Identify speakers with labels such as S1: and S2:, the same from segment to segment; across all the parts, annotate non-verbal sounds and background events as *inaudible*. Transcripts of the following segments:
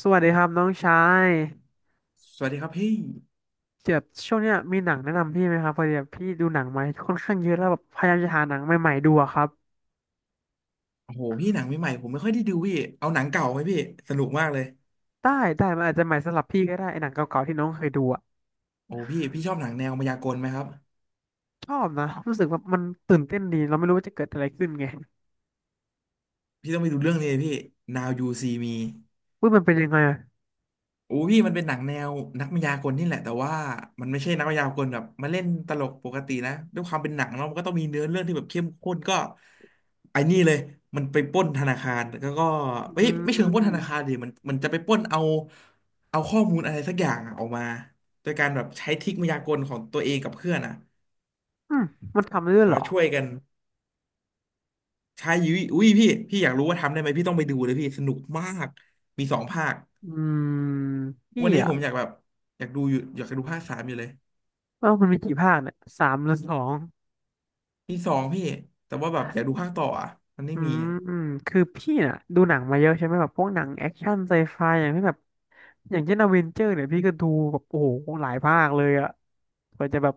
S1: สวัสดีครับน้องชาย
S2: สวัสดีครับพี่
S1: เดี๋ยวช่วงเนี้ยมีหนังแนะนำพี่ไหมครับพอดีแบบพี่ดูหนังมาค่อนข้างเยอะแล้วแบบพยายามจะหาหนังใหม่ๆดูอะครับ
S2: โอ้โหพี่หนังใหม่ๆผมไม่ค่อยได้ดูพี่เอาหนังเก่าไหมพี่สนุกมากเลย
S1: ได้ได้มันอาจจะใหม่สำหรับพี่ก็ได้ไอ้หนังเก่าๆที่น้องเคยดูอะ
S2: โอ้พี่ชอบหนังแนวมายากลไหมครับ
S1: ชอบนะรู้สึกว่ามันตื่นเต้นดีเราไม่รู้ว่าจะเกิดอะไรขึ้นไง
S2: พี่ต้องไปดูเรื่องนี้เลยพี่ Now You See Me
S1: ว่ามันเป็นยังไงอะ
S2: โอ้พี่มันเป็นหนังแนวนักมายากลนี่แหละแต่ว่ามันไม่ใช่นักมายากลแบบมาเล่นตลกปกตินะด้วยความเป็นหนังเนาะมันก็ต้องมีเนื้อเรื่องที่แบบเข้มข้นก็ไอ้นี่เลยมันไปปล้นธนาคารแล้วก็
S1: อื
S2: เอ้ยไม่เชิงปล้นธนา
S1: ม
S2: คารดิมันจะไปปล้นเอาข้อมูลอะไรสักอย่างอะออกมาโดยการแบบใช้ทริคมายากลของตัวเองกับเพื่อนอะ
S1: อืมมันทำได้ด้ว
S2: แบ
S1: ย
S2: บ
S1: เหรอ
S2: ว่าช่วยกันใช้ยุ้ยอุ้ยพี่อยากรู้ว่าทำได้ไหมพี่ต้องไปดูเลยพี่สนุกมากมีสองภาค
S1: อืมพี่
S2: วันนี้
S1: อะ
S2: ผมอยากแบบอยากดูอยู่อยากดูภาคสามอยู่เลย
S1: ว่ามันมีกี่ภาคเนี่ยสามหรือสอง
S2: มีสองพี่แต่ว่าแบบอยากดูภาคต่ออ่ะมันไม่
S1: อื
S2: มี
S1: ม
S2: อะ
S1: อืมคือพี่น่ะดูหนังมาเยอะใช่ไหมแบบพวกหนังแอคชั่นไซไฟอย่างที่แบบอย่างเช่นอเวนเจอร์เนี่ยพี่ก็ดูแบบโอ้โหหลายภาคเลยอะกว่าจะแบบ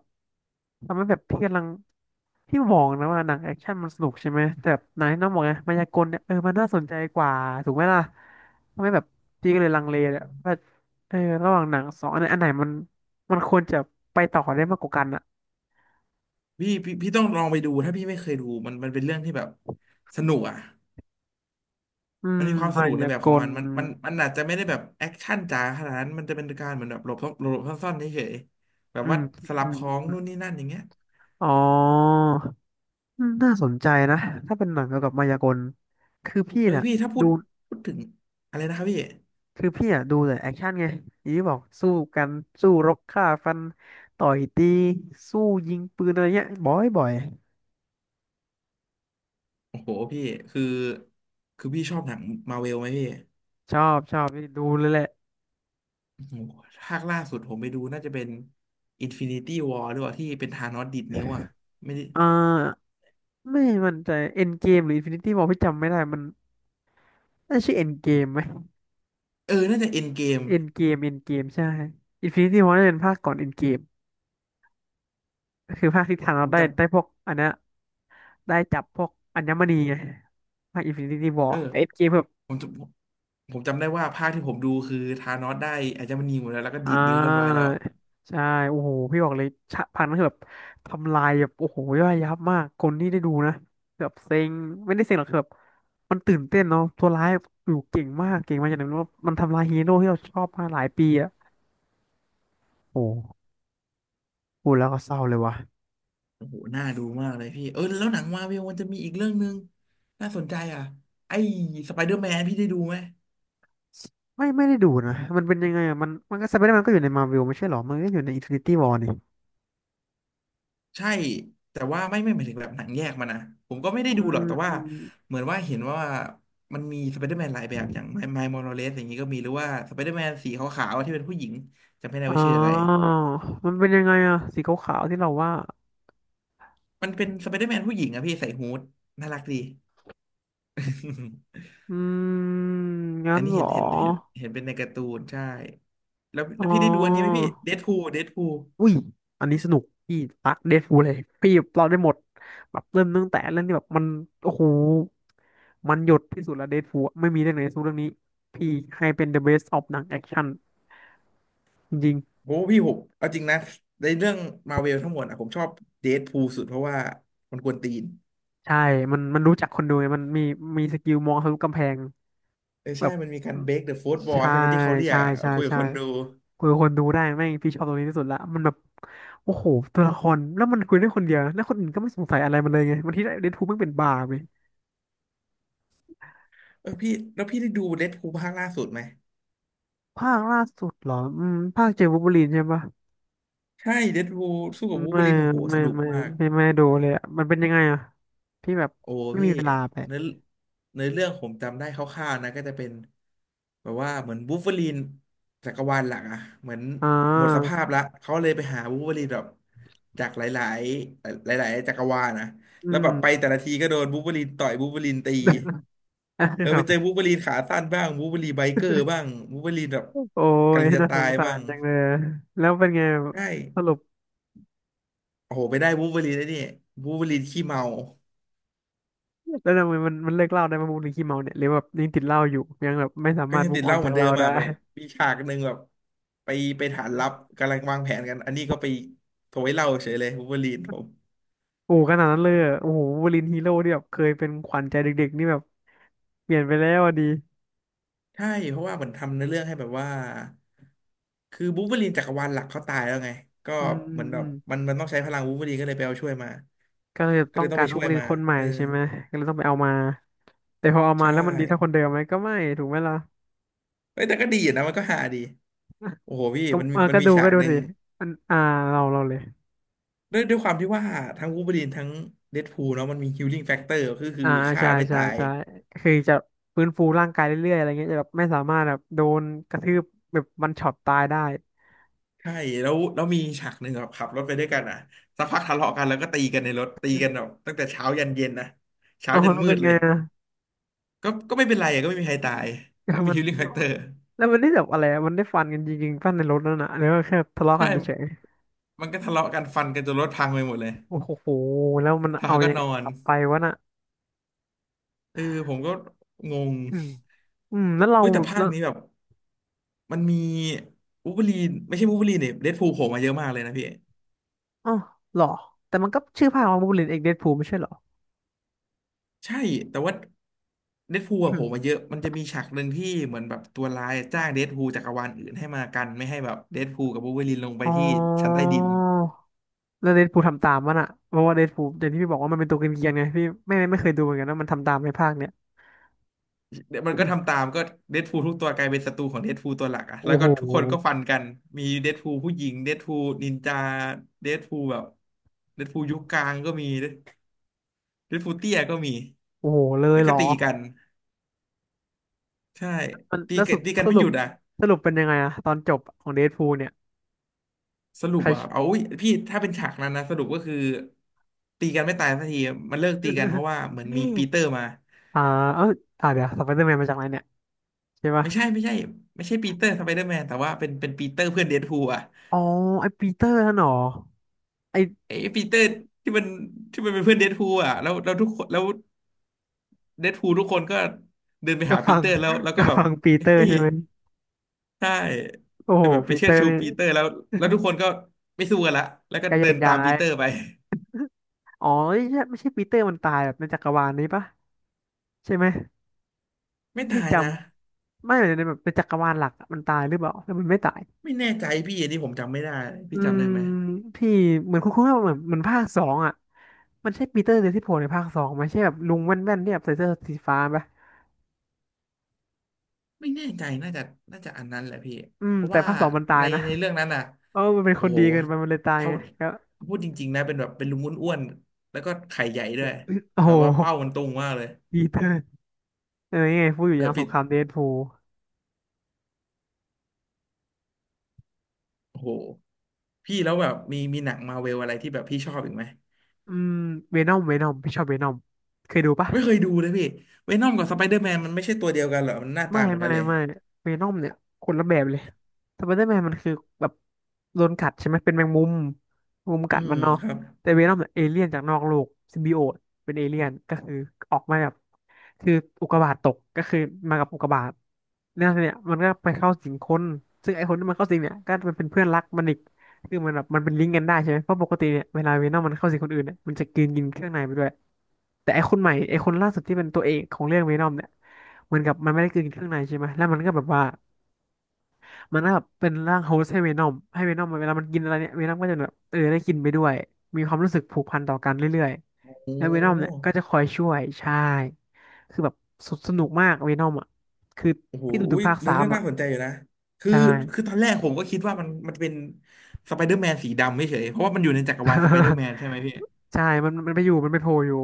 S1: ทำให้แบบพี่กำลังพี่มองนะว่าหนังแอคชั่นมันสนุกใช่ไหมแต่แบบหนังที่น้องบอกไงมายากลเนี่ยเออมันน่าสนใจกว่าถูกไหมล่ะทำให้แบบพี่ก็เลย
S2: อื
S1: ลังเลเนี่ย
S2: ม
S1: ว่าเออระหว่างหนังสองอันไหนอันไหนมันมันควรจะไปต่อได้มากกว่ากันอะ
S2: พี่ต้องลองไปดูถ้าพี่ไม่เคยดูมันเป็นเรื่องที่แบบสนุกอ่ะ
S1: อื
S2: มั
S1: ม
S2: นมีความส
S1: มา
S2: นุกใน
S1: ยา
S2: แบบ
S1: ก
S2: ของ
S1: ล
S2: มันมันอาจจะไม่ได้แบบแอคชั่นจ๋าขนาดนั้นมันจะเป็นการเหมือนแบบหลบซ่อนหลบซ่อนๆเฉยๆแบบ
S1: อื
S2: ว่า
S1: ม
S2: สลั
S1: อื
S2: บ
S1: ม
S2: ของ
S1: อ
S2: นู่น
S1: ม
S2: นี่นั่นอย่างเงี้ย
S1: อ๋อ อืมน่าสนใจนะถ้าเป็นหนังเกี่ยวกับมายากลคือพี่
S2: เออ
S1: เนี่ย
S2: พี่ถ้าพู
S1: ดู
S2: ดพูดถึงอะไรนะครับพี่
S1: คือพี่อ่ะดูแต่แอคชั่นไงอย่างที่บอกสู้กันสู้รบฆ่าฟันต่อยตีสู้ยิงปืนอะไรเงี้ยบ่อยบ่อย
S2: โอ้โหพี่คือคือพี่ชอบหนังมาเวลไหมพี่
S1: ชอบชอบดูเลยแหละ
S2: โอ้โหภาคล่าสุดผมไปดูน่าจะเป็น Infinity War หรือเปล่าที่เป็นธานอสดีดนิ้วอ่ะไม่ได้
S1: เอ่าไม่มั่นใจเอ็นเกมหรืออินฟินิตี้วอพี่จำไม่ได้มันน่าชื่อเอ็นเกมไหม
S2: เออน่าจะ End Game
S1: เอ็นเกมเอ็นเกมใช่อินฟินิตี้วอน่าจะเป็นภาคก่อนเอ็นเกมคือภาคที่ทาน
S2: ผ
S1: เรา
S2: ม
S1: ได้
S2: จ
S1: ได้พวกอันเนี้ยได้จับพวกอัญมณีไงภาคอินฟินิตี้ว
S2: ำ
S1: อ
S2: เอ
S1: ร์
S2: อ
S1: เอ็นเกม
S2: ผมจำผมจำได้ว่าภาคที่ผมดูคือธานอสได้อาจจะมันนีหมดแล้วแล้วก็
S1: อ่
S2: ดีดนิ้วเรียบร้อยแล้
S1: า
S2: ว
S1: ใช่โอ้โหพี่บอกเลยฉาพันนั้นคือแบบทำลายแบบโอ้โหย่อยยับมากคนที่ได้ดูนะแบบเซ็งไม่ได้เซ็งหรอกคือแบบมันตื่นเต้นเนาะตัวร้ายอยู่เก่งมากเก่งมากอย่างนั้นว่ามันทำลายฮีโร่ที่เราชอบมาหลายปีอะโอ้โหพูดแล้วก็เศร้าเลยวะ
S2: โอ้โหน่าดูมากเลยพี่เออแล้วหนังมาเวลมันจะมีอีกเรื่องหนึ่งน่าสนใจอ่ะไอ้สไปเดอร์แมนพี่ได้ดูไหม
S1: ไม่ไม่ได้ดูนะมันเป็นยังไงอะมันมันก็สไปเดอร์แมนก็อยู่ในมาร์เวลไม่ใช่หรอมันก็อยู่ในอินฟินิตี้วอร์นี่
S2: ใช่แต่ว่าไม่หมายถึงแบบหนังแยกมานะผมก็ไม่ได้
S1: อื
S2: ดูหรอกแต่ว่า
S1: ม
S2: เหมือนว่าเห็นว่ามันมีสไปเดอร์แมนหลายแบบอย่างไมไมล์มอราเลสอย่างนี้ก็มีหรือว่าสไปเดอร์แมนสีขาวๆที่เป็นผู้หญิงจำไม่ได้
S1: อ๋
S2: ว่า
S1: อ
S2: ชื่ออะไร
S1: มันเป็นยังไงอะสีขาวๆที่เราว่า
S2: มันเป็นสไปเดอร์แมนผู้หญิงอะพี่ใส่ฮู้ดน่ารักดี *laughs*
S1: อืมงั้
S2: อั
S1: น
S2: นนี้
S1: เหร
S2: เห็น
S1: อ
S2: เห็นเห็นเห็นเป็นในการ์ตูนใช่แล้ว
S1: อ๋
S2: แล้
S1: อ
S2: วพี่ได้ดูอันนี้ไหมพี่เดดพูล
S1: อุ้ยอันนี้สนุกพี่รักเดดพูลเลยพี่เราได้หมด แบบเริ่มตั้งแต่เรื่องที่แบบมัน โอ้โห มันหยดที่สุดแล้วเดดพูลไม่มีเรื่องไหนสู้เรื่องนี้พี่ให้เป็น the best of หนังแอคชั่นจริง
S2: โอ้พี่ผมเอาจริงนะในเรื่องมาเวลทั้งหมดอะผมชอบเดดพูลสุดเพราะว่ามันกวนตีน
S1: ๆใช่มันมันรู้จักคนดูไงมันมีมีสกิลมองทะลุกำแพง
S2: เออใช่
S1: แบบ
S2: มันมีการ break the fourth wall
S1: ใช่
S2: ใช่ไหมที่เขาเรียก
S1: ใช่
S2: อ่ะ
S1: ใช่
S2: คุยกับ
S1: ใช่
S2: คนดู
S1: คุยกับคนดูได้แม่งพี่ชอบตรงนี้ที่สุดละมันแบบโอ้โห ตัวละครแล้วมันคุยได้คนเดียวนะแล้วคนอื่นก็ไม่สงสัยอะไรมันเลยไงบางทีเดดพูลแม่งเป็นบ้าไป
S2: เออพี่แล้วพี่ได้ดูเดดพูลภาคล่าสุดไหม
S1: ภาคล่าสุดเหรออืมภาคเจอวูล์ฟเวอรีนใช่ปะ
S2: ใช่เดดพูลสู้กับวูล์ฟเว
S1: ไม่
S2: อรีนโอ้โหส
S1: ไม่
S2: นุก
S1: ไม่
S2: มาก
S1: ไม่ไม่ดูเลยอะมันเป็นยังไงอะพี่แบบ
S2: โอ้
S1: ไม่
S2: พี่
S1: มีเวลาไป
S2: เนื้อเนื้อเรื่องผมจำได้คร่าวๆนะก็จะเป็นแบบว่าเหมือนวูล์ฟเวอรีนจักรวาลหลักอ่ะเหมือน
S1: อ่
S2: หมดส
S1: า
S2: ภาพละเขาเลยไปหาวูล์ฟเวอรีนแบบจากหลายๆหลายๆจักรวาลนะ
S1: อื
S2: แล้ว
S1: ม
S2: แบบไปแต่ละทีก็โดนวูล์ฟเวอรีนต่อยวูล์ฟเวอรีนตี
S1: *laughs*
S2: เออ
S1: ครั
S2: ไปเจอ
S1: บ
S2: วูล์ฟเวอรีนขาสั้นบ้างวูล์ฟเวอรีนไบเกอร์บ้างวูล์ฟเวอรีนแบบ
S1: โอ้ย
S2: กำลังจะ
S1: น่าส
S2: ตา
S1: ง
S2: ย
S1: สา
S2: บ้า
S1: ร
S2: ง
S1: จังเลย แล้วเป็นไง
S2: ใช่
S1: สรุป
S2: โอ้โหไปได้วูล์ฟเวอรีนได้นี่วูล์ฟเวอรีนขี้เมา
S1: แล้วทำไมมันมันเลิกเหล้าได้มาบูหรือขี้เมาเนี่ยหรือแบบยังติดเหล้าอยู่ยังแบบไม่สา
S2: ก็
S1: มารถ
S2: ยังติ
S1: move
S2: ดเห
S1: on
S2: ล้าเห
S1: จา
S2: มื
S1: ก
S2: อน
S1: เห
S2: เดิ
S1: ล้า
S2: ม
S1: ได้
S2: อ่ะแบบมีฉากหนึ่งแบบไปไปฐานลับกำลังวางแผนกันอันนี้ก็ไปโถยเหล้าเฉยเลยวูล์ฟเวอรีนผม
S1: โอ้ขนาดนั้นเลยเหรอโอ้โหวูล์ฟเวอรีนฮีโร่ที่แบบเคยเป็นขวัญใจเด็กๆนี่แบบเปลี่ยนไปแล้วอะดี
S2: ใช่เพราะว่าเหมือนทำในอเรื่องให้แบบว่าคือวูล์ฟเวอรีนจักรวาลหลักเขาตายแล้วไงก็
S1: อืมอื
S2: เห
S1: ม
S2: มือนแบ
S1: อื
S2: บ
S1: ม
S2: มันต้องใช้พลังวูล์ฟเวอรีนก็เลยไปเอาช่วยมา
S1: ก็เลย
S2: ก็
S1: ต้
S2: เล
S1: อง
S2: ยต้อง
S1: การ
S2: ไป
S1: นั
S2: ช่
S1: ก
S2: วย
S1: เรียน
S2: มา
S1: คนใหม่
S2: เออ
S1: ใช่ไหมก็เลยต้องไปเอามาแต่พอเอา
S2: ใช
S1: มาแล้วมันดีเท่าคนเดิ
S2: ่
S1: มไหมก็ไม่ถูกไหมล่ะ
S2: เอ้ยแต่ก็ดีอยู่นะมันก็หาดี โอ้โหพี่
S1: ก็
S2: มันมี
S1: เออ
S2: มัน
S1: ก็
S2: มี
S1: ดู
S2: ฉา
S1: ก็
S2: ก
S1: ดู
S2: หนึ่ง
S1: ดิอันอ่าเราเราเลย
S2: ด้วยความที่ว่าทั้งวูล์ฟเวอรีนทั้งเดดพูลเนาะมันมีฮีลลิ่งแฟกเตอร์คือ
S1: อ่า
S2: ฆ่า
S1: ใช่
S2: ไม่
S1: ใช่
S2: ตาย
S1: ใช่ก็คือจะฟื้นฟูร่างกายเรื่อยๆอะไรเงี้ยจะแบบไม่สามารถแบบโดนกระทืบแบบมันช็อตตายได้
S2: ใช่แล้วมีฉากหนึ่งแบบขับรถไปด้วยกันอ่ะสักพักทะเลาะกันแล้วก็ตีกันในรถตีกันแบบตั้งแต่เช้ายันเย็นนะ
S1: *laughs*
S2: เช้า
S1: อ๋อ
S2: จน
S1: แล้ว
S2: มื
S1: เป็
S2: ด
S1: น
S2: เล
S1: ไง
S2: ย
S1: อะ
S2: ก็ไม่เป็นไรอะก็ไม่มีใครตาย
S1: ก็
S2: ก็มี
S1: มัน
S2: ฮีลลิ่งแฟกเตอร์
S1: แล้วมันได้แบบอะไรอะมันได้ฟันกันจริงๆฟันในรถนั่นน่ะหรือว่าแค่ทะเลาะ
S2: ใช่
S1: กันเฉย
S2: มันก็ทะเลาะกันฟันกันจนรถพังไปหมดเลย
S1: ๆโอ้โหแล้วมัน
S2: แล้
S1: เอา
S2: วก็
S1: ยัง
S2: น
S1: ไง
S2: อน
S1: กลับไปวะน่ะ
S2: เออผมก็งง
S1: อืมอืมแล้วเรา
S2: เฮ้ยแต่ภาคนี้แบบ มันมีวูล์ฟเวอรีนเนี่ยเดดพูลโผล่มาเยอะมากเลยนะพี่
S1: อ๋อเหรอแต่มันก็ชื่อภาคว่าบูลลินเอกเดดพูลไม่ใช่เหรอ
S2: ใช่แต่ว่าเดดพูลอะ
S1: อื
S2: โผล่
S1: ม *clears throat*
S2: มาเยอะมันจะมีฉากหนึ่งที่เหมือนแบบตัวร้ายจ้างเดดพูลจากจักรวาลอื่นให้มากันไม่ให้แบบเดดพูลกับวูล์ฟเวอรีนลงไป
S1: อ๋
S2: ที่ชั้น
S1: อ
S2: ใต้ดิน
S1: แล้วเดดพูลทำตามมันอะเพราะว่าเดดพูลอย่างที่พี่บอกว่ามันเป็นตัวเกรียนๆไงพี่ไม่เคยดูเหมือนกันว่ามันทำตามในภาคเนี้ย
S2: เดี๋ยว
S1: *clears throat*
S2: มั
S1: อื
S2: นก็
S1: ม
S2: ทำตามก็เดดพูลทุกตัวกลายเป็นศัตรูของเดดพูลตัวหลักอะ
S1: โอ้
S2: แล้ว
S1: โห
S2: ก็ทุกคนก็ฟันกันมีเดดพูลผู้หญิงเดดพูลนินจาเดดพูลแบบเดดพูลยุคกลางก็มีเดดพูลเตี้ยก็มี
S1: โอ้โหเลย
S2: แล้ว
S1: เห
S2: ก็
S1: รอ
S2: ตีกันใช่
S1: มัน
S2: ตี
S1: แล้ว
S2: กั
S1: สุ
S2: น
S1: ด
S2: ตีกั
S1: ส
S2: นไม่
S1: รุ
S2: ห
S1: ป
S2: ยุดอะ
S1: สรุปเป็นยังไงอะตอนจบของเดดพูลเนี่ย
S2: สรุ
S1: ใค
S2: ป
S1: ร
S2: ว่าเอาอุ๊ยพี่ถ้าเป็นฉากนั้นนะสรุปก็คือตีกันไม่ตายสักทีมันเลิกตีกันเพราะ
S1: *laughs*
S2: ว่าเหมือนมีปีเตอร์มา
S1: อ่าเออเดี๋ยวสไปเดอร์แมนมาจากไหนเนี่ยใช่ปะ
S2: ไม่ใช่ไม่ใช่ปีเตอร์สไปเดอร์แมนแต่ว่าเป็นปีเตอร์เพื่อนเดดพูลอ่ะ
S1: อ๋อไอปีเตอร์นั่นเหรอไอ
S2: ไอ้ปีเตอร์ที่มันที่มันเป็นเพื่อนเดดพูลอ่ะแล้วทุกคนแล้วเดดพูลทุกคนก็เดินไป
S1: ก
S2: หา
S1: ระ
S2: ปี
S1: ฟัง
S2: เตอร์แล้ว
S1: ก
S2: ก็
S1: ระ
S2: แบบ
S1: ฟังปีเต
S2: *laughs*
S1: อร์
S2: เฮ้ย
S1: ใช่ไหม
S2: ใช่
S1: โอ้
S2: ไป
S1: โห
S2: แบบไป
S1: ปี
S2: เชิ
S1: เต
S2: ด
S1: อร์
S2: ชู
S1: นี่
S2: ปีเตอร์แล้วแล้วทุกคนก็ไม่สู้กันละแล้วก็
S1: ก็แย
S2: เดิ
S1: ก
S2: นตา
S1: ย้า
S2: มปี
S1: ย
S2: เตอร์ไป
S1: อ๋อไม่ใช่ไม่ใช่ปีเตอร์มันตายแบบในจักรวาลนี้ปะใช่ไหม
S2: ไม่ตา
S1: ไม่
S2: ย
S1: จ
S2: นะ
S1: ำไม่ในแบบในจักรวาลหลักอะมันตายหรือเปล่าแล้วมันไม่ตาย
S2: ไม่แน่ใจพี่อันนี้ผมจำไม่ได้
S1: อื
S2: พี่จำ
S1: ม
S2: ได้ไหม
S1: พี่เหมือนคุ้นๆว่าเหมือนเหมือนภาคสองอ่ะมันใช่ปีเตอร์เดลที่โผล่ในภาคสองไหมใช่แบบลุงแว่นๆที่แบบใส่เสื้อสีฟ้าปะ
S2: ไม่แน่ใจน่าจะอันนั้นแหละพี่
S1: อืม
S2: เพราะ
S1: แต่
S2: ว่า
S1: ภาคสองมันตา
S2: ใน
S1: ยนะ
S2: ในเรื่องนั้นอ่ะ
S1: เออมันเป็นค
S2: โอ้
S1: น
S2: โห
S1: ดีเกินไปมันเลยตาย
S2: เท่า
S1: ไงก็
S2: พูดจริงๆนะเป็นแบบเป็นลุงอ้วนๆแล้วก็ไข่ใหญ่ด้วย
S1: โอ้
S2: แบ
S1: โห
S2: บว่าเป้ามันตุงมากเลย
S1: ปีเตอร์เออยังไงพูดอยู่
S2: เอ
S1: อ
S2: อ
S1: ย่างส
S2: ปิ
S1: ง
S2: ด
S1: ครามเดดพูล
S2: โอ้โหพี่แล้วแบบมีหนังมาเวลอะไรที่แบบพี่ชอบอีกไหม
S1: อืมเวนอมเวนอมพี่ชอบเวนอมเคยดูปะ
S2: ไม่เคยดูเลยพี่เวนอมกับสไปเดอร์แมนมันไม่ใช่ตัวเดียวกันเหรอมันหน้า
S1: ไม่
S2: ตาเหมือน
S1: ไม่
S2: กันเลย
S1: ไม่เวนอมเนี่ยคนละแบบเลยสไปเดอร์แมนมันคือแบบโดนกัดใช่ไหมเป็นแมงมุมแมงมุม
S2: อื
S1: กัด
S2: ม
S1: มันเนาะ
S2: ครับ
S1: แต่เวนอมเนี่ยเอเลี่ยนจากนอกโลกซิมบิโอตเป็นเอเลี่ยนก็คือออกมาแบบคืออุกกาบาตตกก็คือมากับอุกกาบาตเนี่ยเนี่ยมันก็ไปเข้าสิงคนซึ่งไอ้คนที่มันเข้าสิงเนี่ยก็มันเป็นเพื่อนรักมันอีกคือมันแบบมันเป็นลิงก์กันได้ใช่ไหมเพราะปกติเนี่ยเวลาเวนอมมันเข้าสิงคนอื่นเนี่ยมันจะกินกินเครื่องในไปด้วย แต่ไอคนใหม่ไอคนล่าสุดที่เป็นตัวเอกของเรื่องเวนอมเนี่ยเหมือนกับมันไม่ได้กินเครื่องในใช่ไหมแล้วมันก็แบบว่ามันก็แบบเป็นร่างโฮสต์ให้เวนอมให้เวนอมเวลามันกินอะไรเนี่ยเวนอมก็จะแบบเออได้กินไปด้วยมีความรู้สึกผูกพันต่อกันเรื่อย
S2: โอ้
S1: ๆแล้วเวนอมเนี่ยก็จะคอยช่วยใช่คือแบบสสนุกมากเวนอมอ่ะคือ
S2: โอ้โห
S1: พี่ดูถึ
S2: อุ้
S1: ง
S2: ย
S1: ภาค
S2: เนื้
S1: สา
S2: อ
S1: ม
S2: เรื่อง
S1: อ่ะ
S2: น่าสนใจอยู่นะ คือ
S1: ใช่
S2: คือตอนแรกผมก็คิดว่ามัน มันเป็นสไปเดอร์แมนสีดำไม่เฉยๆเพราะว่ามันอยู่ในจักรวาลสไปเดอร์แม
S1: *laughs*
S2: นใช่ไหมพี่
S1: ใช่มันไปอยู่มันไปโผล่อยู่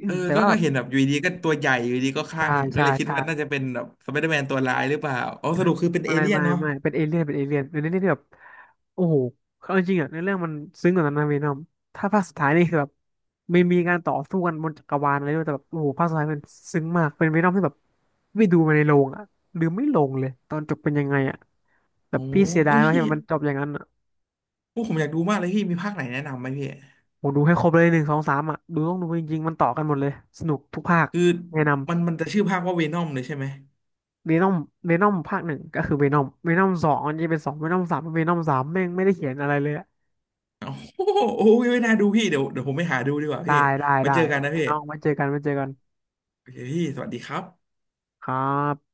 S1: อื
S2: เอ
S1: ม
S2: อ
S1: แต่
S2: ก็
S1: ว่าแบ
S2: ก็
S1: บ
S2: เห็นแบบอยู่ดีก็ตัวใหญ่อยู่ดีก็ค
S1: ใช่
S2: ลั่งก็
S1: ใช่
S2: เลยคิด
S1: ใช่
S2: ว่าน่าจะเป็นแบบสไปเดอร์แมนตัวร้ายหรือเปล่าอ๋อสรุปคือเป็นเอ
S1: ไม่
S2: เลี่ยน
S1: ไม่
S2: เนาะ
S1: ไม่เป็นเอเลี่ยนเป็นเอเลี่ยนเป็นเอเลี่ยนที่แบบโอ้โหเอาจริงๆอ่ะในเรื่องมันซึ้งกว่านั้นนะเวนอมถ้าภาคสุดท้ายนี่คือแบบไม่มีการต่อสู้กันบนจักรวาลอะไรด้วยแต่แบบโอ้โหภาคสุดท้ายมันซึ้งมากเป็นเวนอมที่แบบไม่ดูมาในโรงอ่ะหือไม่ลงเลยตอนจบเป็นยังไงอ่ะแบ
S2: โอ้
S1: บ
S2: โห
S1: พี่เสียดา
S2: เอ้
S1: ย
S2: ย
S1: มาก
S2: พี่
S1: ที่มันจบอย่างนั้นอ่ะ
S2: โอ้ผมอยากดูมากเลยพี่ มีภาคไหนแนะนำไหมพี่
S1: ผมดูให้ครบเลยหนึ่งสองสามอ่ะดูต้องดูจริงๆมันต่อกันหมดเลยสนุกทุกภาค
S2: คือ
S1: แนะน
S2: มันจะชื่อภาคว่าเวนอมเลยใช่ไหม
S1: ำเวนอมเวนอมภาคหนึ่งก็คือเวนอมเวนอมสองมันจะเป็นสองเวนอมสามเวนอมสามแม่งไม่ได้เขียนอะไรเลย
S2: โอ้โหโอ้ยไม่น่าดูพี่เดี๋ยวผมไปหาดูดีกว่า
S1: ได้
S2: พี่
S1: ได้
S2: มา
S1: ได้
S2: เจอกัน
S1: โอ
S2: นะ
S1: เค
S2: พี่
S1: น้องไว้เจอกันไว้เจอกัน
S2: โอเคพี่สวัสดีครับ
S1: ครับ